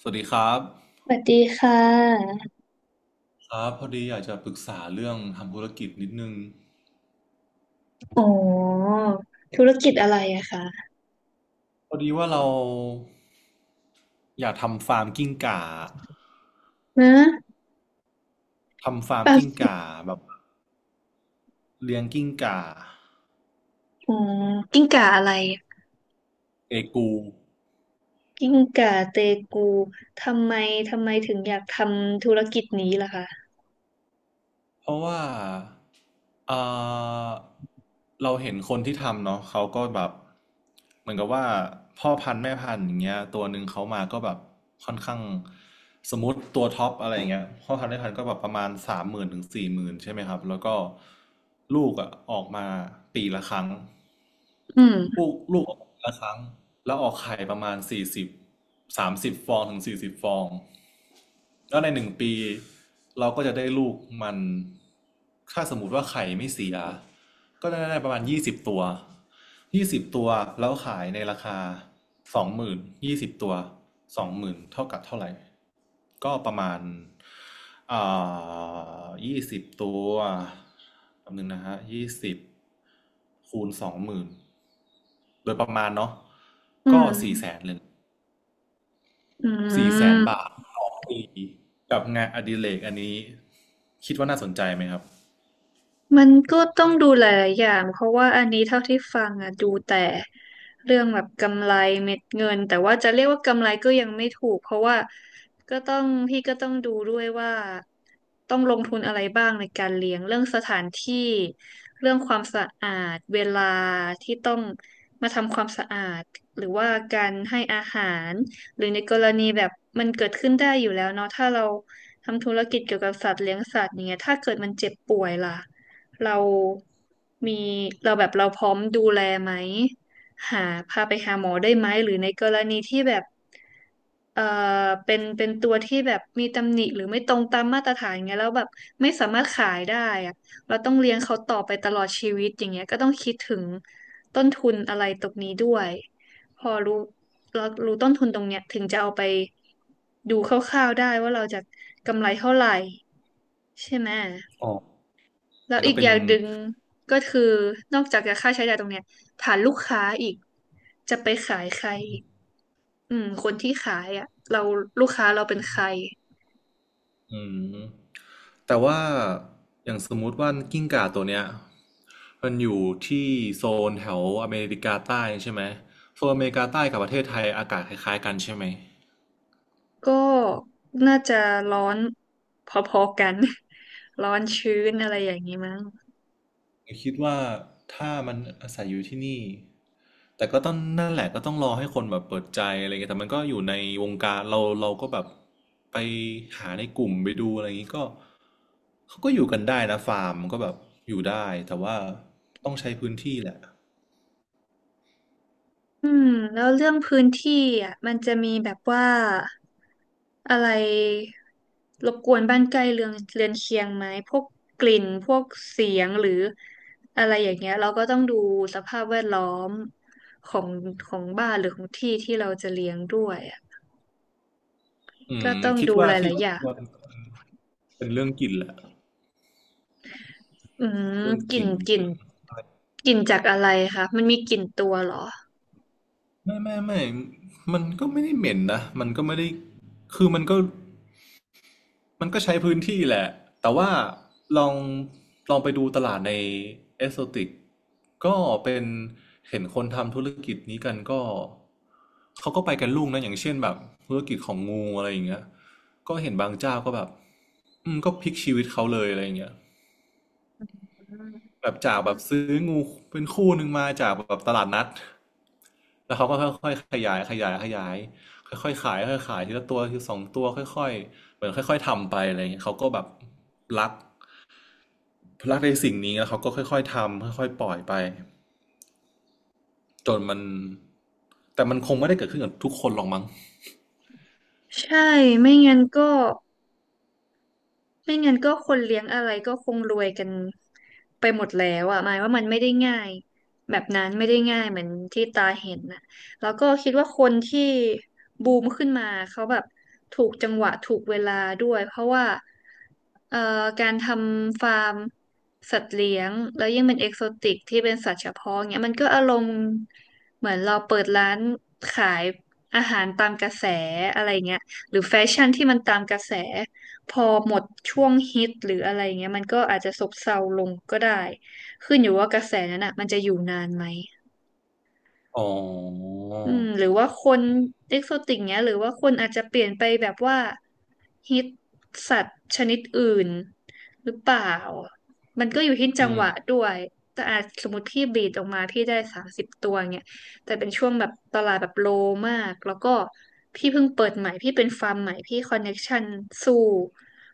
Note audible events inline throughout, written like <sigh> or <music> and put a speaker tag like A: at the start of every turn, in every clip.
A: สวัสดีครับ
B: สวัสดีค่ะ
A: ครับพอดีอยากจะปรึกษาเรื่องทำธุรกิจนิดนึง
B: อ๋อธุรกิจอะไรอะคะ
A: พอดีว่าเราอยากทำฟาร์มกิ้งก่า
B: นะ
A: ทำฟาร์ม
B: ปั๊
A: กิ้ง
B: บ
A: ก่าแบบเลี้ยงกิ้งก่า
B: อ๋อกิ้งก่าอะไร
A: เอกู
B: กิ้งก่าเตกู ทำไมถึงอยากทำธุรกิจนี้ล่ะคะ
A: เพราะว่าเอ่อเราเห็นคนที่ทำเนาะเขาก็แบบเหมือนกับว่าพ่อพันธุ์แม่พันธุ์อย่างเงี้ยตัวหนึ่งเขามาก็แบบค่อนข้างสมมติตัวท็อปอะไรอย่างเงี้ยพ่อพันธุ์แม่พันธุ์ก็แบบประมาณ30,000ถึง40,000ใช่ไหมครับแล้วก็ลูกอ่ะออกมาปีละครั้ง
B: อืม
A: ลูกออกมาปีละครั้งแล้วออกไข่ประมาณสี่สิบ30 ฟองถึง40 ฟอง แล้วในหนึ่งปีเราก็จะได้ลูกมันถ้าสมมติว่าไข่ไม่เสียก็ได้ประมาณยี่สิบตัวยี่สิบตัวแล้วขายในราคาสองหมื่นยี่สิบตัวสองหมื่นเท่ากับเท่าไหร่ก็ประมาณอ่ยี่สิบตัวแป๊บนึงนะฮะยี่สิบคูณสองหมื่นโดยประมาณเนาะ
B: อื
A: ก็สี่แส
B: ม
A: นเลย
B: อื
A: สี่แสนบา
B: ม
A: ทต่อปีกับงานอดิเรกอันนี้คิดว่าน่าสนใจไหมครับ
B: มันก็ต้องดูหลายๆอย่างเพราะว่าอันนี้เท่าที่ฟังอ่ะดูแต่เรื่องแบบกำไรเม็ดเงินแต่ว่าจะเรียกว่ากำไรก็ยังไม่ถูกเพราะว่าก็ต้องพี่ก็ต้องดูด้วยว่าต้องลงทุนอะไรบ้างในการเลี้ยงเรื่องสถานที่เรื่องความสะอาดเวลาที่ต้องมาทำความสะอาดหรือว่าการให้อาหารหรือในกรณีแบบมันเกิดขึ้นได้อยู่แล้วเนาะถ้าเราทำธุรกิจเกี่ยวกับสัตว์เลี้ยงสัตว์อย่างเงี้ยถ้าเกิดมันเจ็บป่วยล่ะ เรามีเราแบบเราพร้อมดูแลไหมหาพาไปหาหมอได้ไหมหรือในกรณีที่แบบเอ่อเป็นตัวที่แบบมีตำหนิหรือไม่ตรงตามมาตรฐานเงี้ยแล้วแบบไม่สามารถขายได้อะเราต้องเลี้ยงเขาต่อไปตลอดชีวิตอย่างเงี้ยก็ต้องคิดถึงต้นทุนอะไรตรงนี้ด้วยพอรู้เรารู้ต้นทุนตรงเนี้ยถึงจะเอาไปดูคร่าวๆได้ว่าเราจะกำไรเท่าไหร่ใช่ไหม
A: อ๋อ
B: แล้ว
A: มันก็
B: อีก
A: เป็
B: อ
A: น
B: ย่างหนึ่งก็คือนอกจากจะค่าใช้จ่ายตรงเนี้ยฐานลูกค้าอีกจะไปขายใครอีกอืมคนที่ขายอ่ะเราลูกค้าเราเป็นใคร
A: อืมแต่ว่าอย่างสมมุติว่ากิ้งก่าตัวเนี้ยมันอยู่ที่โซนแถวอเมริกาใต้ใช่ไหมโซนอเมริกาใต้กับประเทศไทยอากาศคล้ายๆกันใช่ไหม
B: ก็น่าจะร้อนพอๆกัน <laughs> ร้อนชื้นอะไรอย่างนี้มั้ง
A: ผมคิดว่าถ้ามันอาศัยอยู่ที่นี่แต่ก็ต้องนั่นแหละก็ต้องรอให้คนแบบเปิดใจอะไรเงี้ยแต่มันก็อยู่ในวงการเราเราก็แบบไปหาในกลุ่มไปดูอะไรอย่างงี้ก็เขาก็อยู่กันได้นะฟาร์มก็แบบอยู่ได้แต่ว่าต้องใช้พื้นที่แหละ
B: อืมแล้วเรื่องพื้นที่อ่ะมันจะมีแบบว่าอะไรรบกวนบ้านใกล้เรือนเคียงไหมพวกกลิ่นพวกเสียงหรืออะไรอย่างเงี้ยเราก็ต้องดูสภาพแวดล้อมของของบ้านหรือของที่ที่เราจะเลี้ยงด้วยอ่ะ
A: อื
B: ก็
A: ม
B: ต้อง
A: คิด
B: ดู
A: ว่า
B: ห
A: ที่
B: ลาย
A: ร
B: ๆอ
A: บ
B: ย่า
A: ก
B: ง
A: วนเป็นเรื่องกลิ่นแหละ
B: อืม
A: เรื่อง
B: ก
A: ก
B: ลิ่น
A: ลิ่น
B: กลิ่น
A: เรื่องอะไร
B: กลิ่นจากอะไรคะมันมีกลิ่นตัวเหรอ
A: ไม่ไม่ไม่มันก็ไม่ได้เหม็นนะมันก็ไม่ได้คือมันก็ มันก็ใช้พื้นที่แหละ แต่ว่าลองลองไปดูตลาดในเอสโซติกก็เป็นเห็นคนทำธุรกิจนี้กันก็เขาก็ไปกันลุ่งนะอย่างเช่นแบบธุรกิจของงูอะไรอย่างเงี้ยก็เห็นบางเจ้าก็แบบอืมก็พลิกชีวิตเขาเลยอะไรอย่างเงี้ย แบบจากแบบซื้องูเป็นคู่หนึ่งมาจากแบบตลาดนัดแล้วเขาก็ค่อยๆขยายขยายขยายค่อยๆขายค่อยๆขายทีละตัวทีละสองตัวค่อยๆเหมือนค่อยๆทำไปอะไรอย่างเงี้ยเขาก็แบบรักรักในสิ่งนี้แล้วเขาก็ค่อยๆทำค่อยๆปล่อยไปจนมันแต่มันคงไม่ได้เกิดขึ้นกับทุกคนหรอกมั้ง
B: ใช่ไม่งั้นก็ <laughs> ไม่งั้นก็คนเลี้ยงอะไรก็คงรวยกันไปหมดแล้วอ่ะหมายว่ามันไม่ได้ง่ายแบบนั้นไม่ได้ง่ายเหมือนที่ตาเห็นน่ะแล้วก็คิดว่าคนที่บูมขึ้นมาเขาแบบถูกจังหวะถูกเวลาด้วยเพราะว่าเอ่อการทำฟาร์มสัตว์เลี้ยงแล้วยิ่งเป็นเอกโซติกที่เป็นสัตว์เฉพาะเงี้ยมันก็อารมณ์เหมือนเราเปิดร้านขายอาหารตามกระแสอะไรเงี้ยหรือแฟชั่นที่มันตามกระแส พอหมดช่วงฮิตหรืออะไรเงี้ยมันก็อาจจะซบเซาลงก็ได้ขึ้นอยู่ว่ากระแสนั้นอ่ะมันจะอยู่นานไหม
A: อ๋อ
B: อืมหรือว่าคนเอ็กโซติกเนี้ยหรือว่าคนอาจจะเปลี่ยนไปแบบว่าฮิตสัตว์ชนิดอื่นหรือเปล่ามันก็อยู่ที่จัง
A: อื
B: ห
A: ม
B: วะด้วยแต่อาจสมมติพี่บีดออกมาพี่ได้สามสิบตัวเงี้ยแต่เป็นช่วงแบบตลาดแบบโลมากแล้วก็พี่เพิ่งเปิดใหม่พี่เป็นฟาร์มใหม่พี่คอนเน็กชันสู้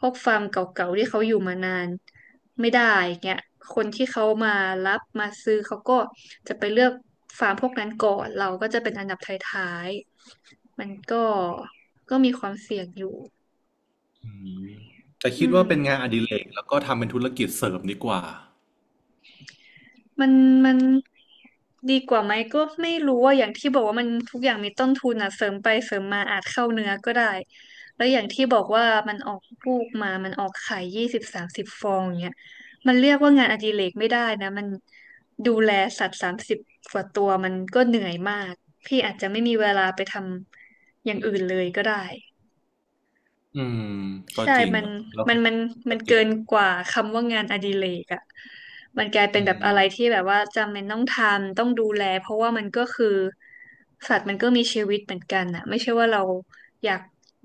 B: พวกฟาร์มเก่าๆที่เขาอยู่มานานไม่ได้เงี้ยคนที่เขามารับมาซื้อเขาก็จะไปเลือกฟาร์มพวกนั้นก่อนเราก็จะเป็นอันดับท้ายๆมันก็มีความเสี่ยงอยู่
A: อืมแต่
B: อื
A: คิด
B: ม
A: ว่าเป็นงานอดิเรกแล้วก็ทำเป็นธุรกิจเสริมดีกว่า
B: มันมันดีกว่าไหมก็ไม่รู้ว่าอย่างที่บอกว่ามันทุกอย่างมีต้นทุนอ่ะเสริมไปเสริมมาอาจเข้าเนื้อก็ได้แล้วอย่างที่บอกว่ามันออกลูกมามันออกไข่ยี่สิบสามสิบฟองอย่างเงี้ยมันเรียกว่างานอดิเรกไม่ได้นะมันดูแลสัตว์สามสิบกว่าตัวมันก็เหนื่อยมากพี่อาจจะไม่มีเวลาไปทำอย่างอื่นเลยก็ได้
A: อืมก็
B: ใช่
A: จริง
B: มัน
A: อะแล้ว
B: มันมัน
A: ธุร
B: มัน
A: กิ
B: เกิ
A: จ
B: นกว่าคำว่างานอดิเรกอ่ะมันกลายเป็น
A: อื
B: แบบอะ
A: ม
B: ไรที่แบบว่าจำเป็นต้องทำต้องดูแลเพราะว่ามันก็คือสัตว์มันก็มีชีวิตเหมือนกันอ่ะไม่ใช่ว่าเราอยาก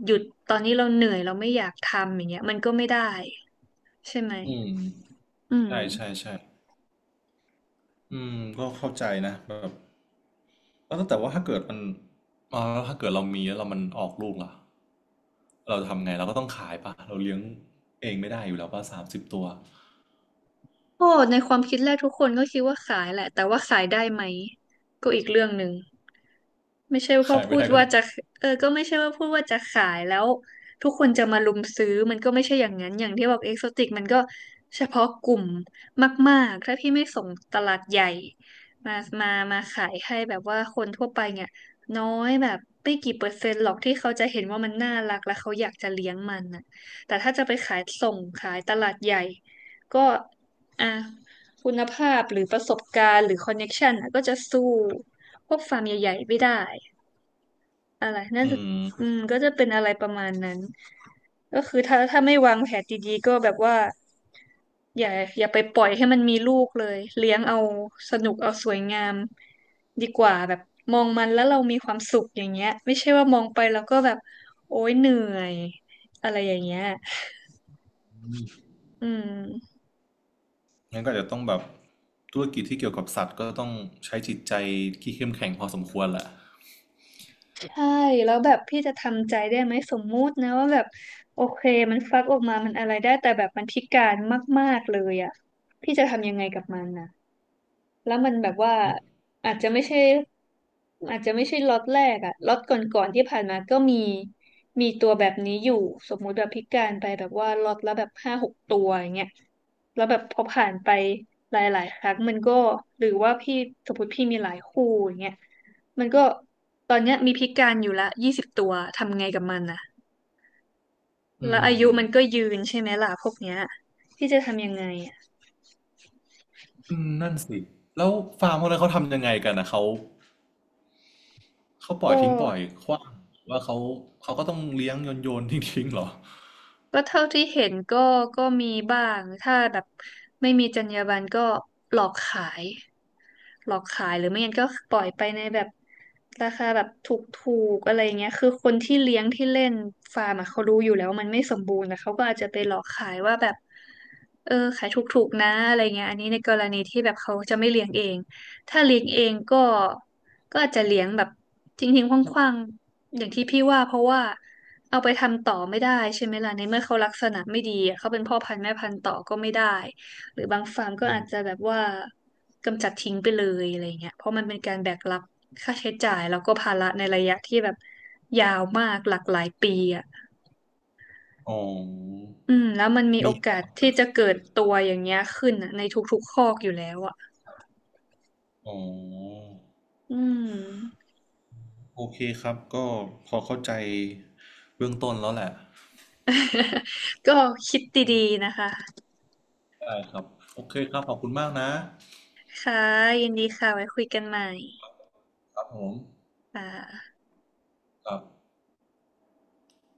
B: หยุดตอนนี้เราเหนื่อยเราไม่อยากทำอย่างเงี้ยมันก็ไม่ได้ใช่ไหม
A: อืม
B: อืม
A: ใช่ใช่ใช่อืมก็เข้าใจนะแบบแล้วแต่ว่าถ้าเกิดมันอ่าแล้วถ้าเกิดเรามีแล้วเรามันออกลูกล่ะเราทำไงเราก็ต้องขายปะเราเลี้ยงเองไม่ได้อยู่แล้วป่ะ30 ตัว
B: โอ้ในความคิดแรกทุกคนก็คิดว่าขายแหละแต่ว่าขายได้ไหมก็อีกเรื่องหนึ่ง ไม่ใช่ว่า
A: ขาย
B: พู
A: ไม่
B: ด
A: ได้ก็
B: ว่า
A: ต้อง
B: จะเออก็ไม่ใช่ว่าพูดว่าจะขายแล้วทุกคนจะมารุมซื้อมันก็ไม่ใช่อย่างนั้นอย่างที่บอกเอ็กโซติกมันก็เฉพาะกลุ่มมากๆถ้าพี่ไม่ส่งตลาดใหญ่มามามาขายให้แบบว่าคนทั่วไปเนี่ยน้อยแบบไม่กี่เปอร์เซ็นต์หรอกที่เขาจะเห็นว่ามันน่ารักและเขาอยากจะเลี้ยงมันน่ะแต่ถ้าจะไปขายส่งขายตลาดใหญ่ก็อ่ะคุณภาพหรือประสบการณ์หรือคอนเน็กชันน่ะก็จะสู้พวกฟาร์มใหญ่ๆไม่ได้ อะไรน่า
A: อื
B: จะ
A: ม
B: อืมก็จะเป็นอะไรประมาณนั้นก็คือถ้าไม่วางแผนดีๆก็แบบว่าอย่าอย่าไปปล่อยให้มันมีลูกเลยเลี้ยงเอาสนุกเอาสวยงามดีกว่าแบบมองมันแล้วเรามีความสุขอย่างเงี้ยไม่ใช่ว่ามองไปแล้วก็แบบโอ๊ยเหนื่อยอะไรอย่างเงี้ยอืม
A: งั้นก็อาจจะต้องแบบธุรกิจที่เกี่ยวกับสัตว์ก็ต้องใช้จิตใจที่เข้มแข็งพอสมควรแหละ
B: ใช่แล้วแบบพี่จะทำใจได้ไหมสมมุตินะว่าแบบโอเคมันฟักออกมามันอะไรได้แต่แบบมันพิการมากๆเลยอ่ะพี่จะทำยังไงกับมันนะ แล้วมันแบบว่า
A: อืม
B: อาจจะไม่ใช่อาจจะไม่ใช่ล็อตแรกอะล็อตก่อนๆที่ผ่านมาก็มีมีตัวแบบนี้อยู่สมมุติแบบพิการไปแบบว่าล็อตละแบบห้าหกตัวอย่างเงี้ยแล้วแบบพอผ่านไปหลายๆครั้งมันก็หรือว่าพี่สมมติพี่มีหลายคู่อย่างเงี้ยมันก็ตอนเนี้ยมีพิการอยู่ละยี่สิบตัวทำไงกับมันอะแล้วอายุมัน
A: อ
B: ก็ยืนใช่ไหมล่ะพวกเนี้ยที่จะทำยังไงอะ
A: ืมนั่นสิแล้วฟาร์มพวกนั้นเขาทำยังไงกันนะเขา เขาปล่อ
B: ก็
A: ยทิ้งปล่อยขว้างหรือว่าเขาเขาก็ต้องเลี้ยงโยนโยนทิ้งทิ้งเหรอ
B: ก็เท่าที่เห็นก็มีบ้างถ้าแบบไม่มีจรรยาบรรณก็หลอกขายหลอกขายหรือไม่งั้นก็ปล่อยไปในแบบราคาแบบถูกๆอะไรเงี้ยคือคนที่เลี้ยงที่เล่นฟาร์มอะเขารู้อยู่แล้วว่ามันไม่สมบูรณ์นะเขาก็อาจจะไปหลอกขายว่าแบบเออขายถูกๆนะอะไรเงี้ยอันนี้ในกรณีที่แบบเขาจะไม่เลี้ยงเอง ถ้าเลี้ยงเองก็ก็อาจจะเลี้ยงแบบทิ้งทิ้งขว้างๆอย่างที่พี่ว่าเพราะว่าเอาไปทำต่อไม่ได้ใช่ไหมล่ะในเมื่อเขาลักษณะไม่ดีอะเขาเป็นพ่อพันธุ์แม่พันธุ์ต่อก็ไม่ได้หรือบางฟาร์มก็
A: อื
B: อาจจะ
A: ม
B: แบบว่ากำจัดทิ้งไปเลยอะไรเงี้ยเพราะมันเป็นการแบกรับค่าใช้จ่ายแล้วก็ภาระในระยะที่แบบยาวมากหลากหลายปีอ่ะ
A: อ๋อ
B: อืมแล้วมันมีโอ
A: มีเหร
B: กาส
A: อ
B: ที่จะเกิดตัวอย่างเงี้ยขึ้นอะในทุกๆคอกอยู่แล้วอ่ะ
A: อ๋อ
B: อืม
A: โอเคครับก็พอเข้าใจเบื้องต้นแล้วแหละ
B: <laughs> ก็คิดดีๆนะคะ
A: ได้ครับโอเคครับขอบคุณมากนะ
B: ค่ะยินดีค่ะ ไว้คุยกันใหม่
A: ครับผม
B: ค่ะ
A: ครับ